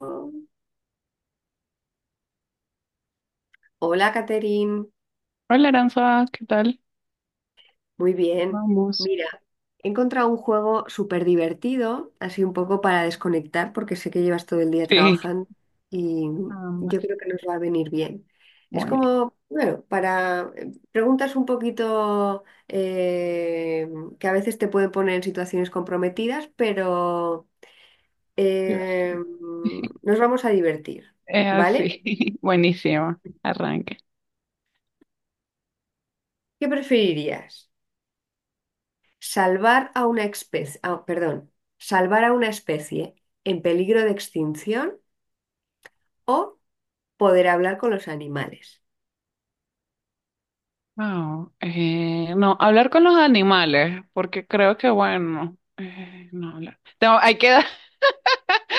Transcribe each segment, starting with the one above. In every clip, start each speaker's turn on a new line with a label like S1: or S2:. S1: Oh. Hola, Caterín.
S2: Hola Aranza, ¿qué tal?
S1: Muy bien.
S2: Ambos.
S1: Mira, he encontrado un juego súper divertido, así un poco para desconectar, porque sé que llevas todo el día
S2: Sí,
S1: trabajando y yo
S2: ambas.
S1: creo que nos va a venir bien. Es
S2: Bueno,
S1: como, bueno, para preguntas un poquito que a veces te pueden poner en situaciones comprometidas, pero eh,
S2: divertido.
S1: nos vamos a divertir,
S2: Es
S1: ¿vale?
S2: así, buenísimo. Arranque.
S1: ¿Qué preferirías? Salvar a una especie, perdón, salvar a una especie en peligro de extinción o poder hablar con los animales.
S2: Wow, no, hablar con los animales, porque creo que bueno, no hablar. Hay que dar-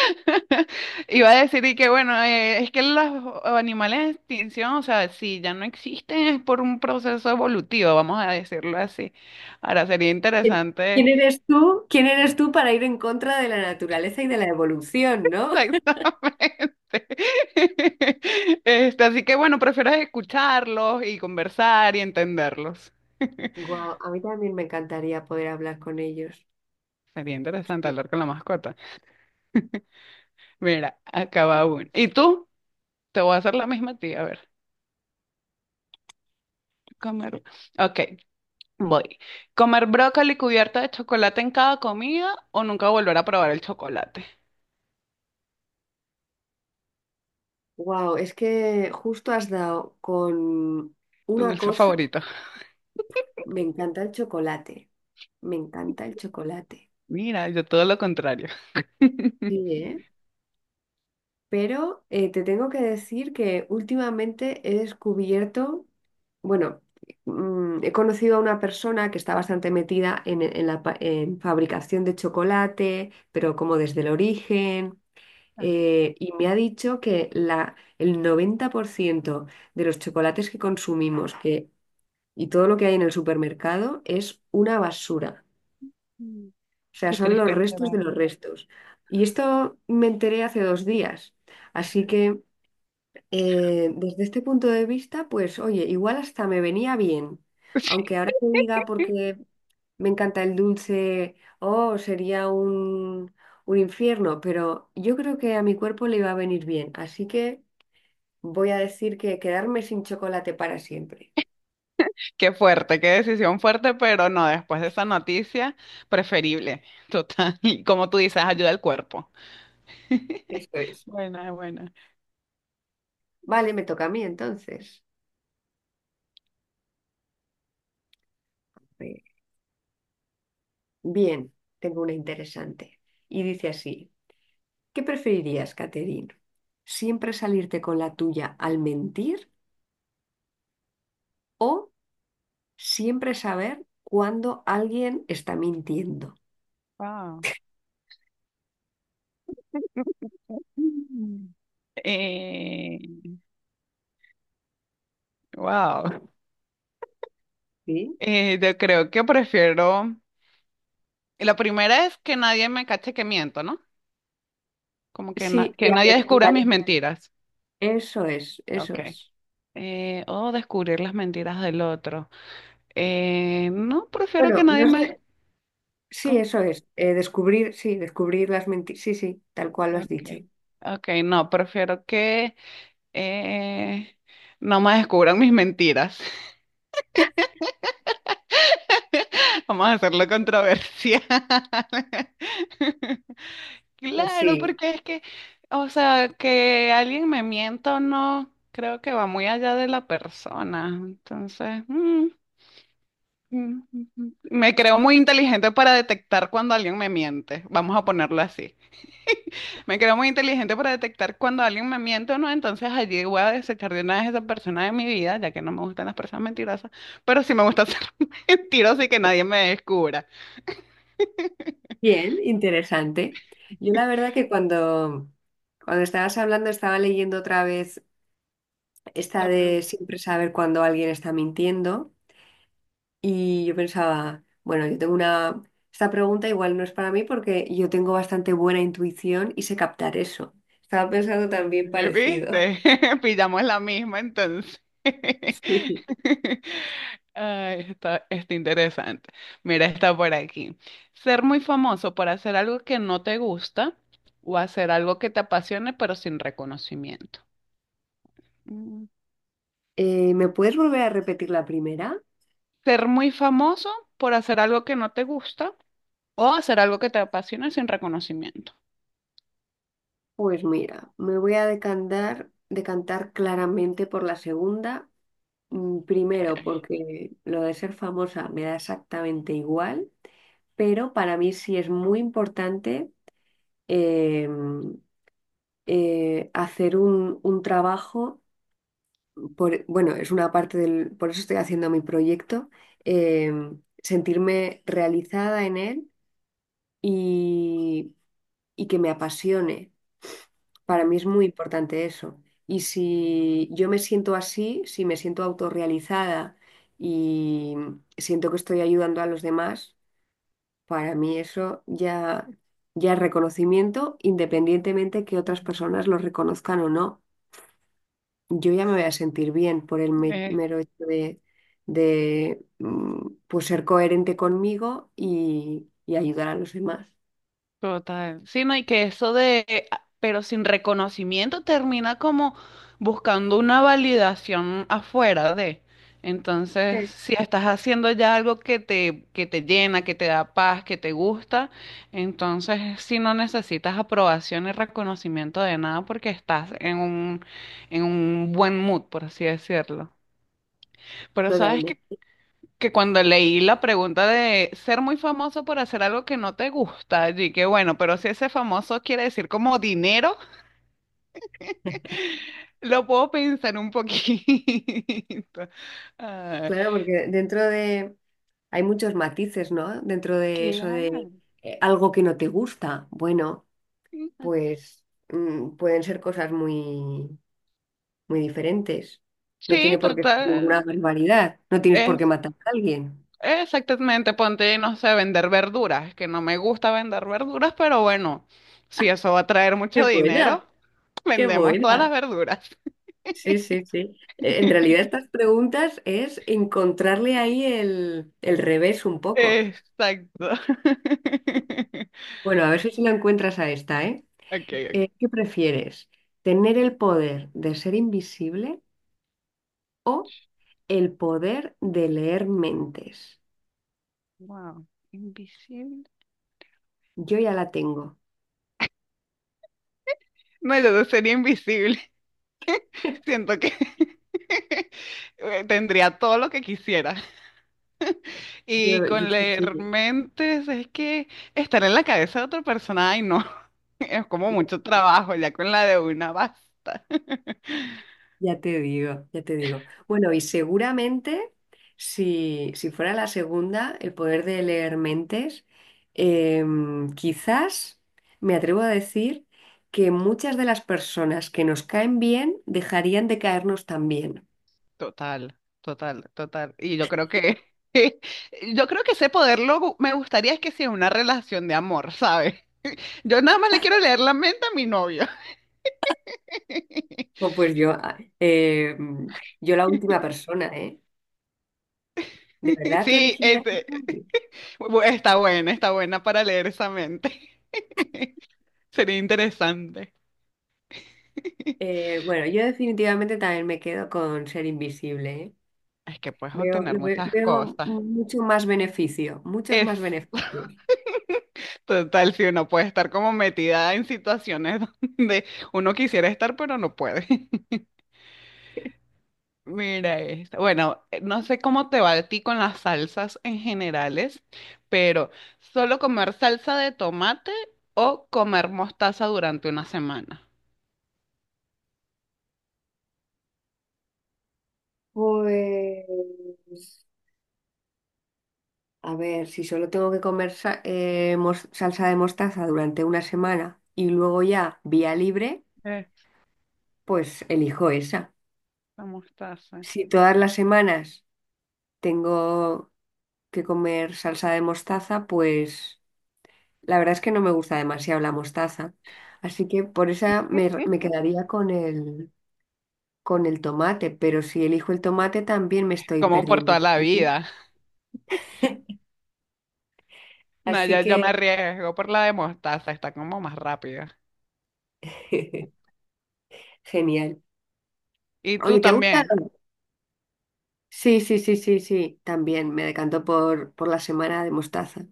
S2: Iba a decir y que bueno, es que los animales en extinción, o sea, si ya no existen es por un proceso evolutivo, vamos a decirlo así. Ahora sería
S1: ¿Quién quién
S2: interesante.
S1: eres tú? ¿Quién eres tú para ir en contra de la naturaleza y de la evolución, ¿no?
S2: Exactamente. Este, así que bueno, prefiero escucharlos y conversar y entenderlos.
S1: Wow, a mí también me encantaría poder hablar con ellos.
S2: Sería interesante hablar con la mascota. Mira, acaba uno. ¿Y tú? Te voy a hacer la misma a ti, a ver. Comer. Ok, voy. ¿Comer brócoli cubierta de chocolate en cada comida o nunca volver a probar el chocolate?
S1: Wow, es que justo has dado con
S2: Tu
S1: una
S2: dulce
S1: cosa.
S2: favorito.
S1: Me encanta el chocolate. Me encanta el chocolate.
S2: Mira, yo todo lo contrario.
S1: Sí, ¿eh? Pero te tengo que decir que últimamente he descubierto, bueno, he conocido a una persona que está bastante metida en la en fabricación de chocolate, pero como desde el origen,
S2: Ah,
S1: y me ha dicho que el 90% de los chocolates que consumimos y todo lo que hay en el supermercado es una basura.
S2: mm.
S1: O sea,
S2: Qué
S1: son los
S2: triste
S1: restos
S2: enterar.
S1: de los restos. Y esto me enteré hace 2 días. Así que... desde este punto de vista, pues oye, igual hasta me venía bien, aunque ahora te diga porque me encanta el dulce, oh, sería un infierno, pero yo creo que a mi cuerpo le iba a venir bien, así que voy a decir que quedarme sin chocolate para siempre.
S2: Qué fuerte, qué decisión fuerte, pero no, después de esa noticia, preferible, total. Y como tú dices, ayuda al cuerpo.
S1: Esto es.
S2: Buena, buena.
S1: Vale, me toca a mí entonces. Eh, Bien, tengo una interesante. Y dice así, ¿qué preferirías, Caterine? ¿Siempre salirte con la tuya al mentir? O siempre saber cuándo alguien está mintiendo.
S2: Wow. Eh, wow.
S1: ¿Sí?
S2: Yo creo que prefiero. La primera es que nadie me cache que miento, ¿no? Como que,
S1: Sí, y
S2: que nadie descubra mis mentiras.
S1: eso es, eso
S2: Ok.
S1: es.
S2: O descubrir las mentiras del otro. No, prefiero que
S1: Bueno,
S2: nadie
S1: no
S2: me...
S1: sé, sí,
S2: ¿Cómo?
S1: eso es. Descubrir, sí, descubrir las mentiras. Sí, sí, tal cual lo has
S2: Ok.
S1: dicho.
S2: Ok, no, prefiero que Eh, no me descubran mis mentiras. Vamos a hacerlo controversial.
S1: Pues
S2: Claro,
S1: sí.
S2: porque es que, o sea, que alguien me mienta o no, creo que va muy allá de la persona. Entonces, mm. me creo muy inteligente para detectar cuando alguien me miente. Vamos a ponerlo así. Me creo muy inteligente para detectar cuando alguien me miente o no, entonces allí voy a desechar de una vez a esa persona de mi vida, ya que no me gustan las personas mentirosas, pero sí me gusta ser mentirosa y que nadie me descubra.
S1: Bien, interesante. Yo la verdad que cuando estabas hablando estaba leyendo otra vez esta
S2: La
S1: de
S2: pregunta,
S1: siempre saber cuando alguien está mintiendo. Y yo pensaba, bueno, yo tengo una... Esta pregunta igual no es para mí porque yo tengo bastante buena intuición y sé captar eso. Estaba pensando también
S2: es,
S1: parecido.
S2: ¿viste? Pillamos la misma, entonces.
S1: Sí.
S2: Ay, está, está interesante. Mira, está por aquí. Ser muy famoso por hacer algo que no te gusta o hacer algo que te apasione, pero sin reconocimiento. Mm.
S1: ¿Me puedes volver a repetir la primera?
S2: Ser muy famoso por hacer algo que no te gusta o hacer algo que te apasiona sin reconocimiento.
S1: Pues mira, me voy a decantar, decantar claramente por la segunda. Primero, porque lo de ser famosa me da exactamente igual, pero para mí sí es muy importante em, hacer un trabajo. Bueno, es una parte del, por eso estoy haciendo mi proyecto, sentirme realizada en él y, y que me apasione. Para mí
S2: Ah.
S1: es muy importante eso. Y si yo me siento así, si me siento autorrealizada y siento que estoy ayudando a los demás, para mí ya es reconocimiento, independientemente que otras personas lo reconozcan o no. Yo ya me voy a sentir bien por el
S2: Eh,
S1: mero hecho de, pues ser coherente conmigo y ayudar a los demás.
S2: total. Sí, no, y que eso de, pero sin reconocimiento termina como buscando una validación afuera de. Entonces,
S1: Sí.
S2: si estás haciendo ya algo que te llena, que te da paz, que te gusta, entonces sí no necesitas aprobación y reconocimiento de nada porque estás en un buen mood, por así decirlo. Pero sabes
S1: Totalmente.
S2: que cuando leí la pregunta de ser muy famoso por hacer algo que no te gusta, y que bueno, pero si ese famoso quiere decir como dinero, lo puedo pensar un poquito. Ah,
S1: Claro, porque dentro de... Hay muchos matices, ¿no? Dentro de eso de
S2: Claro.
S1: algo que no te gusta. Bueno, pues pueden ser cosas muy, muy diferentes. No
S2: sí,
S1: tiene por qué ser ninguna
S2: total.
S1: barbaridad. No tienes por qué
S2: Es,
S1: matar a alguien.
S2: exactamente, ponte, no sé, vender verduras, que no me gusta vender verduras, pero bueno, si eso va a traer
S1: Qué
S2: mucho
S1: buena,
S2: dinero,
S1: qué
S2: vendemos todas las
S1: buena.
S2: verduras.
S1: Sí, sí, sí. En realidad estas preguntas es encontrarle ahí el revés un poco.
S2: Exacto.
S1: Bueno, a ver si lo encuentras a esta, ¿eh?
S2: Ok, ok.
S1: ¿Qué prefieres? ¿Tener el poder de ser invisible o el poder de leer mentes?
S2: Wow. Invisible.
S1: Yo ya la tengo.
S2: No, yo no sería invisible. Siento que tendría todo lo que quisiera. Y
S1: Yo
S2: con
S1: sí,
S2: leer
S1: sí.
S2: mentes es que estar en la cabeza de otra persona, ay no, es como mucho trabajo, ya con la de una basta.
S1: Ya te digo, ya te digo. Bueno, y seguramente si fuera la segunda, el poder de leer mentes, quizás me atrevo a decir que muchas de las personas que nos caen bien dejarían de caernos también.
S2: Total, total, total. Y yo creo que, yo creo que ese poder lo, me gustaría es que sea una relación de amor, ¿sabes? Yo nada más le quiero leer la mente a mi novio.
S1: O pues yo, ah, yo la última persona, ¿eh? ¿De verdad tú
S2: Sí,
S1: elegirías esa
S2: este,
S1: parte?
S2: está buena para leer esa mente. Sería interesante. Es
S1: Bueno, yo definitivamente también me quedo con ser invisible, ¿eh?
S2: que puedes
S1: Veo,
S2: obtener
S1: lo
S2: muchas
S1: veo
S2: cosas.
S1: mucho más beneficio, muchos
S2: Es
S1: más beneficios.
S2: total, si uno puede estar como metida en situaciones donde uno quisiera estar, pero no puede. Mira esto. Bueno, no sé cómo te va a ti con las salsas en generales, pero ¿solo comer salsa de tomate o comer mostaza durante una semana?
S1: Pues, a ver, si solo tengo que comer salsa de mostaza durante una semana y luego ya vía libre,
S2: Esta
S1: pues elijo esa.
S2: mostaza.
S1: Si todas las semanas tengo que comer salsa de mostaza, pues la verdad es que no me gusta demasiado la mostaza. Así que por esa me quedaría con el tomate, pero si elijo el tomate también me estoy
S2: Como por
S1: perdiendo.
S2: toda la vida. No,
S1: Así
S2: yo
S1: que
S2: me arriesgo por la de mostaza, está como más rápida.
S1: genial.
S2: ¿Y
S1: Oye,
S2: tú
S1: ¿te gusta?
S2: también?
S1: Sí, sí, sí, sí, sí. También me decanto por la semana de mostaza.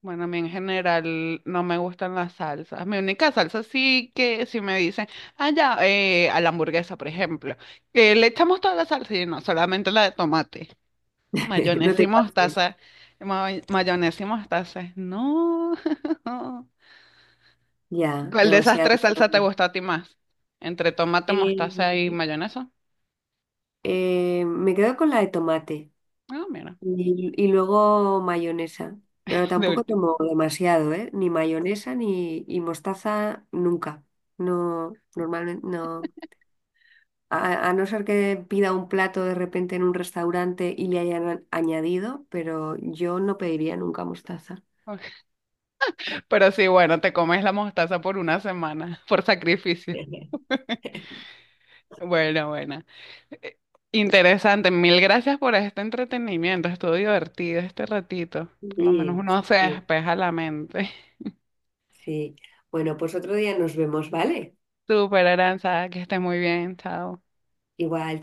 S2: Bueno, a mí en general no me gustan las salsas. Mi única salsa sí que si me dicen, ah, ya, a la hamburguesa, por ejemplo, que le echamos toda la salsa y no, solamente la de tomate.
S1: No
S2: Mayonesa
S1: te
S2: y
S1: pases.
S2: mostaza. Mayonesa y mostaza. No.
S1: Ya,
S2: ¿Cuál de esas
S1: demasiado
S2: tres
S1: para
S2: salsas te
S1: mí.
S2: gusta a ti más? Entre tomate, mostaza y
S1: Eh,
S2: mayonesa.
S1: me quedo con la de tomate
S2: Ah, mira,
S1: y luego mayonesa, pero
S2: de
S1: tampoco
S2: último.
S1: tomo demasiado, ¿eh? Ni mayonesa ni y mostaza nunca. No, normalmente no. A no ser que pida un plato de repente en un restaurante y le hayan añadido, pero yo no pediría nunca mostaza.
S2: Pero sí, bueno, te comes la mostaza por una semana, por sacrificio. Bueno, bueno. Eh, Interesante, mil gracias por este entretenimiento, estuvo divertido este ratito, por lo menos
S1: Sí,
S2: uno se
S1: sí,
S2: despeja la mente.
S1: sí. Bueno, pues otro día nos vemos, ¿vale?
S2: Súper, Aranza, que estés muy bien, chao.
S1: Igual.